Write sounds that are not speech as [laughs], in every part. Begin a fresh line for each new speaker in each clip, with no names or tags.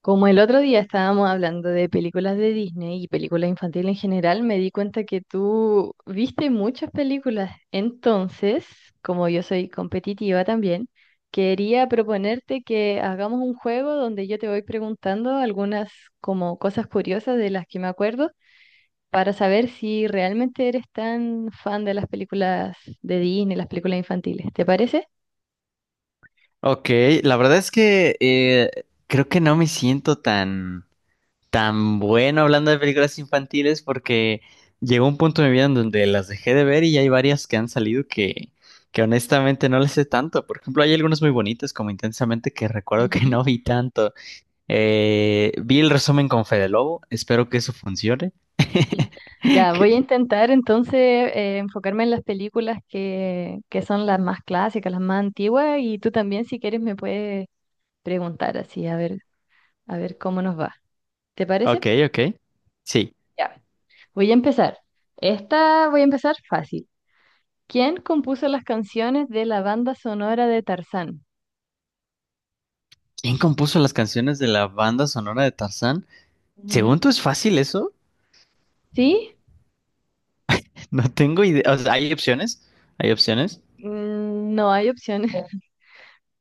Como el otro día estábamos hablando de películas de Disney y películas infantiles en general, me di cuenta que tú viste muchas películas. Entonces, como yo soy competitiva también, quería proponerte que hagamos un juego donde yo te voy preguntando algunas como cosas curiosas de las que me acuerdo para saber si realmente eres tan fan de las películas de Disney, las películas infantiles. ¿Te parece?
Ok, la verdad es que creo que no me siento tan bueno hablando de películas infantiles porque llegó un punto de mi vida en donde las dejé de ver y hay varias que han salido que honestamente no les sé tanto. Por ejemplo, hay algunas muy bonitas como Intensamente que recuerdo que [laughs]
Ujú.
no vi tanto. Vi el resumen con Fede Lobo, espero que eso funcione. [laughs]
Ya, voy a
Que-
intentar entonces enfocarme en las películas que son las más clásicas, las más antiguas, y tú también si quieres me puedes preguntar así, a ver cómo nos va. ¿Te
Ok,
parece?
ok. Sí.
Ya, voy a empezar. Esta voy a empezar fácil. ¿Quién compuso las canciones de la banda sonora de Tarzán?
¿Quién compuso las canciones de la banda sonora de Tarzán? Según
Ujú.
tú es fácil eso.
¿Sí?
No tengo idea. O sea, ¿hay opciones? ¿Hay opciones?
Mm, no hay opciones. [laughs]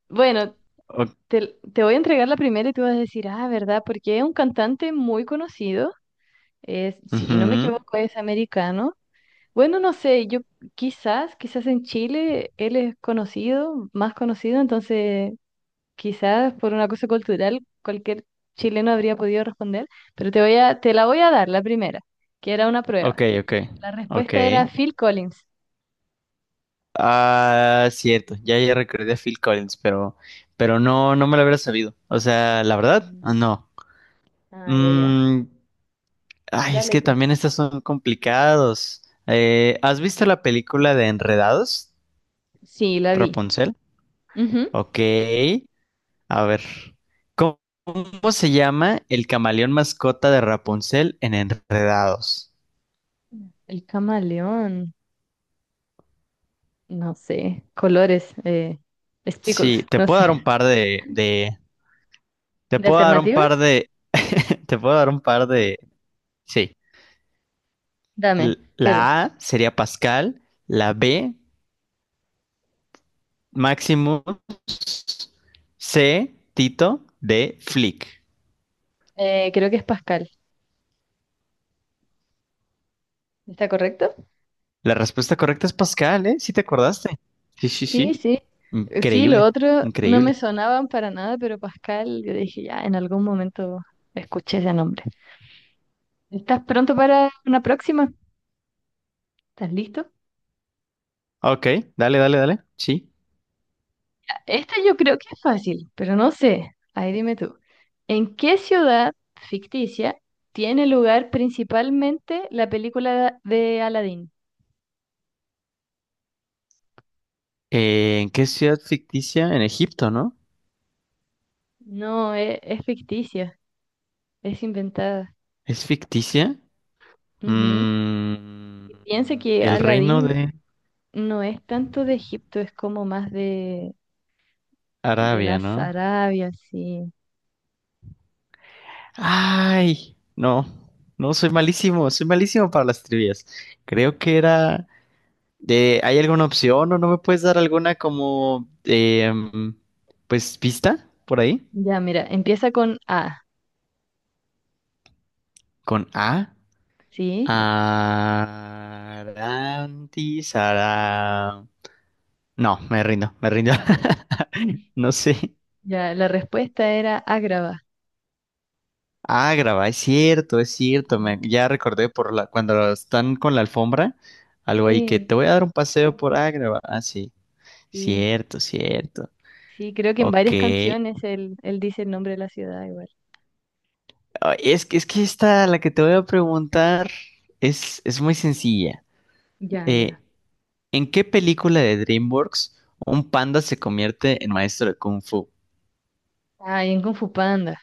Bueno,
O-
te voy a entregar la primera y tú vas a decir, ah, ¿verdad? Porque es un cantante muy conocido. Es, si no me
Ujú.
equivoco, es americano. Bueno, no sé, yo quizás en Chile él es conocido, más conocido, entonces quizás por una cosa cultural cualquier chileno habría podido responder, pero te voy a, te la voy a dar, la primera, que era una prueba.
Ok,
La
ok.
respuesta era Phil Collins.
Ah, cierto. Ya, ya recordé a Phil Collins, pero no me lo hubiera sabido. O sea, la verdad, ah,
Ujú.
no.
Ah, ya, ya.
Mm, ay, es
Dale
que
tú.
también estas son complicados. ¿Has visto la película de Enredados?
Sí, la vi.
Rapunzel.
Ujú.
Ok. A ver. ¿Cómo, ¿cómo se llama el camaleón mascota de Rapunzel en Enredados?
Mm. El camaleón, no sé, colores,
Sí,
speckles,
te
no
puedo dar un
sé.
par de, te
¿De
puedo dar un
alternativas?
par de, [laughs] te puedo dar un par de, sí.
Dame, quiero.
La A sería Pascal, la B, Maximus, C, Tito, D, Flick.
Creo que es Pascal. ¿Está correcto?
La respuesta correcta es Pascal, ¿eh? Sí te acordaste. Sí,
Sí,
sí.
sí. Sí, lo
Increíble,
otro no me
increíble.
sonaban para nada, pero Pascal, yo dije, ya, en algún momento escuché ese nombre. ¿Estás pronto para una próxima? ¿Estás listo?
Ok, dale, dale. Sí.
Esta yo creo que es fácil, pero no sé. Ahí dime tú. ¿En qué ciudad ficticia tiene lugar principalmente la película de Aladdin?
¿En qué ciudad ficticia? En Egipto, ¿no?
No, es, ficticia, es inventada.
¿Es ficticia?
Ujú.
Mm,
Piensa que
el reino
Aladdin
de...
no es tanto de Egipto, es como más de
Arabia,
las
¿no?
Arabias, sí.
Ay, no, soy malísimo para las trivias. Creo que era de, ¿hay alguna opción o no me puedes dar alguna como, pues, pista por ahí?
Ya, mira, empieza con A,
Con A.
¿sí?
Arantis, ara- No, me rindo, me rindo.
[laughs]
[laughs] No sé.
Ya, la respuesta era Ágrava.
Ah, grabá, es cierto, es cierto.
Mm.
Ya recordé por la, cuando están con la alfombra, algo ahí que
Sí,
te voy a dar un paseo por Ágrava. Ah, sí,
sí,
cierto, cierto.
sí, creo que en
Ok.
varias canciones él dice el nombre de la ciudad igual.
Ah, es que, es que esta, la que te voy a preguntar, es muy sencilla.
Ya,
Eh,
ya.
¿En qué película de DreamWorks un panda se convierte en maestro de Kung Fu?
Ah, y en Kung Fu Panda.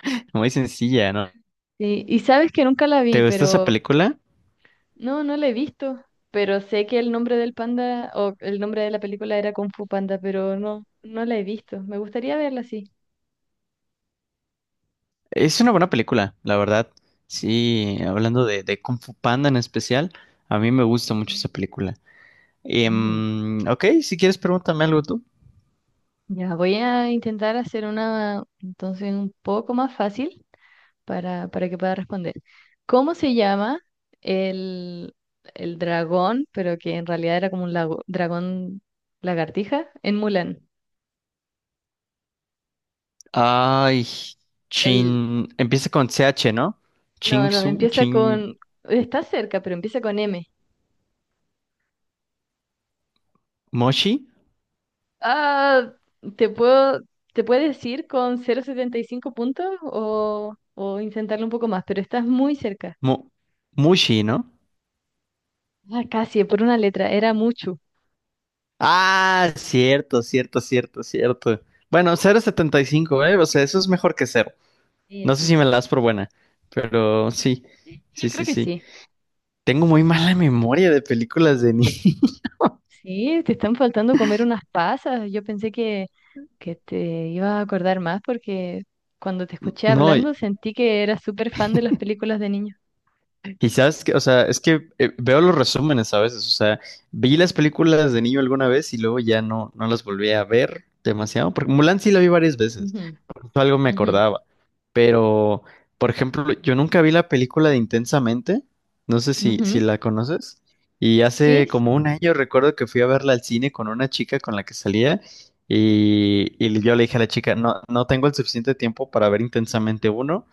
[laughs] Muy sencilla, ¿no?
Sí, y sabes que nunca la vi,
¿Te gustó esa
pero
película?
no, no la he visto. Pero sé que el nombre del panda o el nombre de la película era Kung Fu Panda, pero no, no la he visto. Me gustaría verla, sí.
Es una buena película, la verdad. Sí, hablando de Kung Fu Panda en especial, a mí me gusta mucho esa película.
Ujú.
Ok, si quieres pregúntame algo tú.
Ya, voy a intentar hacer una entonces un poco más fácil para que pueda responder. ¿Cómo se llama el, el dragón, pero que en realidad era como un dragón lagartija en Mulan?
Ay,
El,
Chin, empieza con C H, ¿no?
no, no,
Chingsu,
empieza
Chin,
con, está cerca, pero empieza con M.
Moshi,
Ah, ¿te puedo, te puedes decir con 0,75 puntos o intentarlo un poco más? Pero estás muy cerca.
Mo- Mushi, ¿no?
Ah, casi, por una letra, era mucho.
Ah, cierto, cierto. Bueno, 0,75, ¿eh? O sea, eso es mejor que cero.
Sí,
No sé
sí,
si me
sí.
la das por buena, pero sí,
Sí, yo
sí,
creo
sí,
que
sí.
sí.
Tengo muy mala memoria de películas de niño. [laughs]
Sí, te están faltando comer unas pasas. Yo pensé que te ibas a acordar más porque cuando te escuché
No,
hablando sentí que eras súper fan de las películas de niños.
y sabes que, o sea, es que veo los resúmenes a veces, o sea, vi las películas de niño alguna vez y luego ya no las volví a ver demasiado, porque Mulan sí la vi varias veces.
Ujú,
Justo algo me
ujú,
acordaba. Pero, por ejemplo, yo nunca vi la película de Intensamente. No sé si, si
ujú.
la conoces. Y
Sí.
hace como 1 año recuerdo que fui a verla al cine con una chica con la que salía. Y yo le dije a la chica, no tengo el suficiente tiempo para ver Intensamente 1,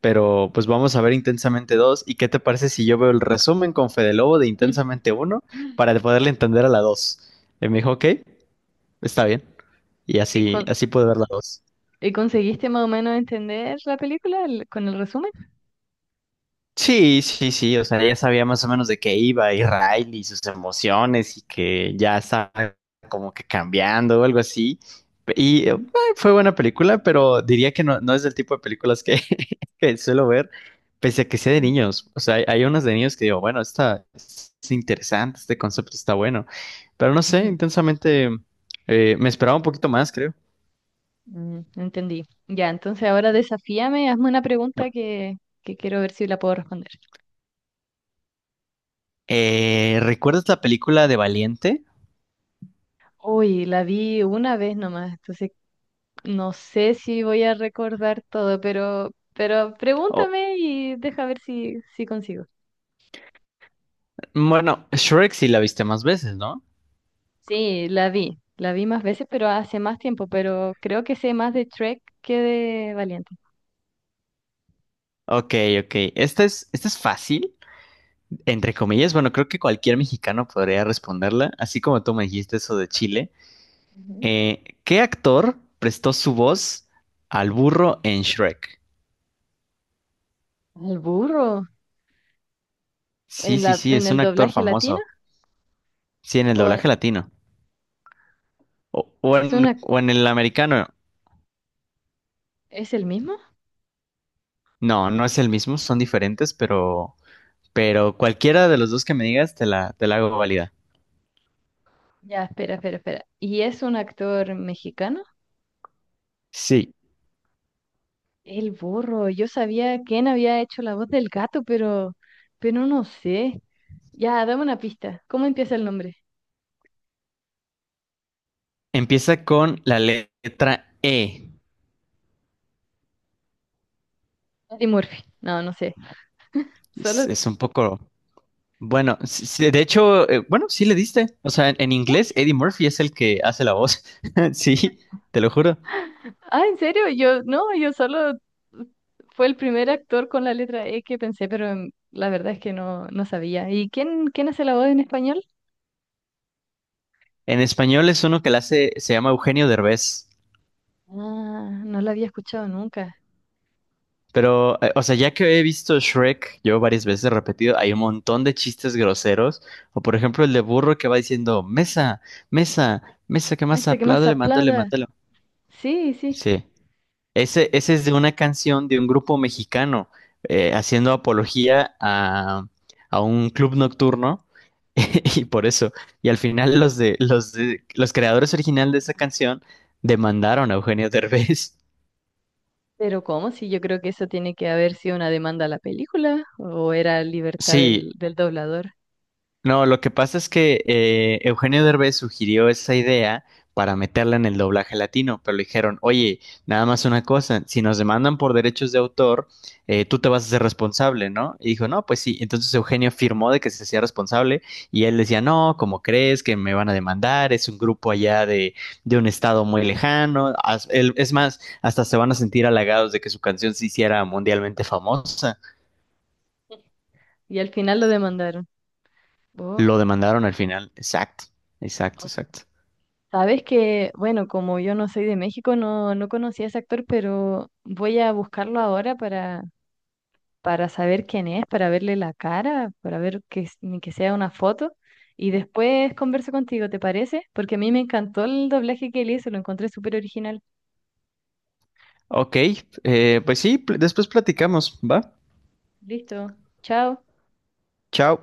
pero pues vamos a ver Intensamente 2. ¿Y qué te parece si yo veo el resumen con Fede Lobo de
Sí.
Intensamente 1
[laughs]
para poderle entender a la 2? Y me dijo, ok, está bien. Y
¿Y,
así, así pude ver la 2.
y conseguiste más o menos entender la película con el resumen?
Sí, sí, o sea, ya sabía más o menos de qué iba y Riley y sus emociones y que ya estaba como que cambiando o algo así. Y
Ujú,
fue buena película, pero diría que no es del tipo de películas que, [laughs] que suelo ver, pese a que sea de
mm,
niños. O sea, hay unas de niños que digo, bueno, esta es interesante, este concepto está bueno, pero no sé,
ujú,
intensamente me esperaba un poquito más, creo.
mm, entendí. Ya, entonces ahora desafíame, hazme una pregunta
No.
que quiero ver si la puedo responder.
¿Recuerdas la película de Valiente?
Uy, la vi una vez nomás, entonces no sé si voy a recordar todo, pero
O-
pregúntame y deja ver si, si consigo.
bueno, Shrek sí la viste más veces, ¿no?
Sí, la vi más veces, pero hace más tiempo, pero creo que sé más de Trek que de Valiente.
Ok, ok. Esta es fácil, entre comillas. Bueno, creo que cualquier mexicano podría responderla, así como tú me dijiste eso de Chile.
Ujú.
¿Qué actor prestó su voz al burro en Shrek?
¿El burro?
Sí,
¿En
sí,
la,
sí,
en
es
el
un actor
doblaje latino?
famoso. Sí, en el
¿O
doblaje latino.
es una,
O en el americano.
es el mismo?
No, no es el mismo, son diferentes, pero cualquiera de los dos que me digas te la hago válida.
Ya, espera, espera, espera. ¿Y es un actor mexicano?
Sí,
El burro, yo sabía quién había hecho la voz del gato, pero no sé. Ya, dame una pista. ¿Cómo empieza el nombre?
empieza con la letra E.
Eddie Murphy. No, no sé.
Es
Solo.
un poco... Bueno, sí, de hecho, bueno, sí le diste. O sea, en
¿Qué?
inglés Eddie Murphy es el que hace la voz. [laughs] Sí, te lo juro.
Ah, ¿en serio? Yo, no, yo solo fue el primer actor con la letra E que pensé, pero mm, la verdad es que no, no sabía. ¿Y quién, quién hace la voz en español?
En español es uno que la hace, se llama Eugenio Derbez.
Ah, no la había escuchado nunca.
Pero, o sea, ya que he visto Shrek yo varias veces repetido, hay un montón de chistes groseros. O por ejemplo, el de burro que va diciendo, mesa, mesa, que
Me
más
que más
aplaude, le mándale,
aplada.
mándale.
Sí, sí.
Sí. Ese es de una canción de un grupo mexicano haciendo apología a un club nocturno [laughs] y por eso. Y al final los de los creadores originales de esa canción demandaron a Eugenio Derbez.
Pero ¿cómo? Si yo creo que eso tiene que haber sido una demanda a la película o era
[laughs]
libertad
Sí,
del doblador.
no, lo que pasa es que Eugenio Derbez sugirió esa idea para meterla en el doblaje latino, pero le dijeron, oye, nada más una cosa, si nos demandan por derechos de autor, tú te vas a ser responsable, ¿no? Y dijo, no, pues sí. Entonces Eugenio firmó de que se hacía responsable y él decía, no, ¿cómo crees que me van a demandar? Es un grupo allá de un estado muy lejano. Es más, hasta se van a sentir halagados de que su canción se hiciera mundialmente famosa.
Y al final lo demandaron. Oh.
Lo demandaron al final. Exacto, exacto,
O-
exacto.
Sabes que, bueno, como yo no soy de México, no, no conocía a ese actor, pero voy a buscarlo ahora para saber quién es, para verle la cara, para ver que, s- ni que sea una foto. Y después converso contigo, ¿te parece? Porque a mí me encantó el doblaje que él hizo, lo encontré súper original.
Ok, pues sí, después platicamos, ¿va?
Listo, chao.
Chao.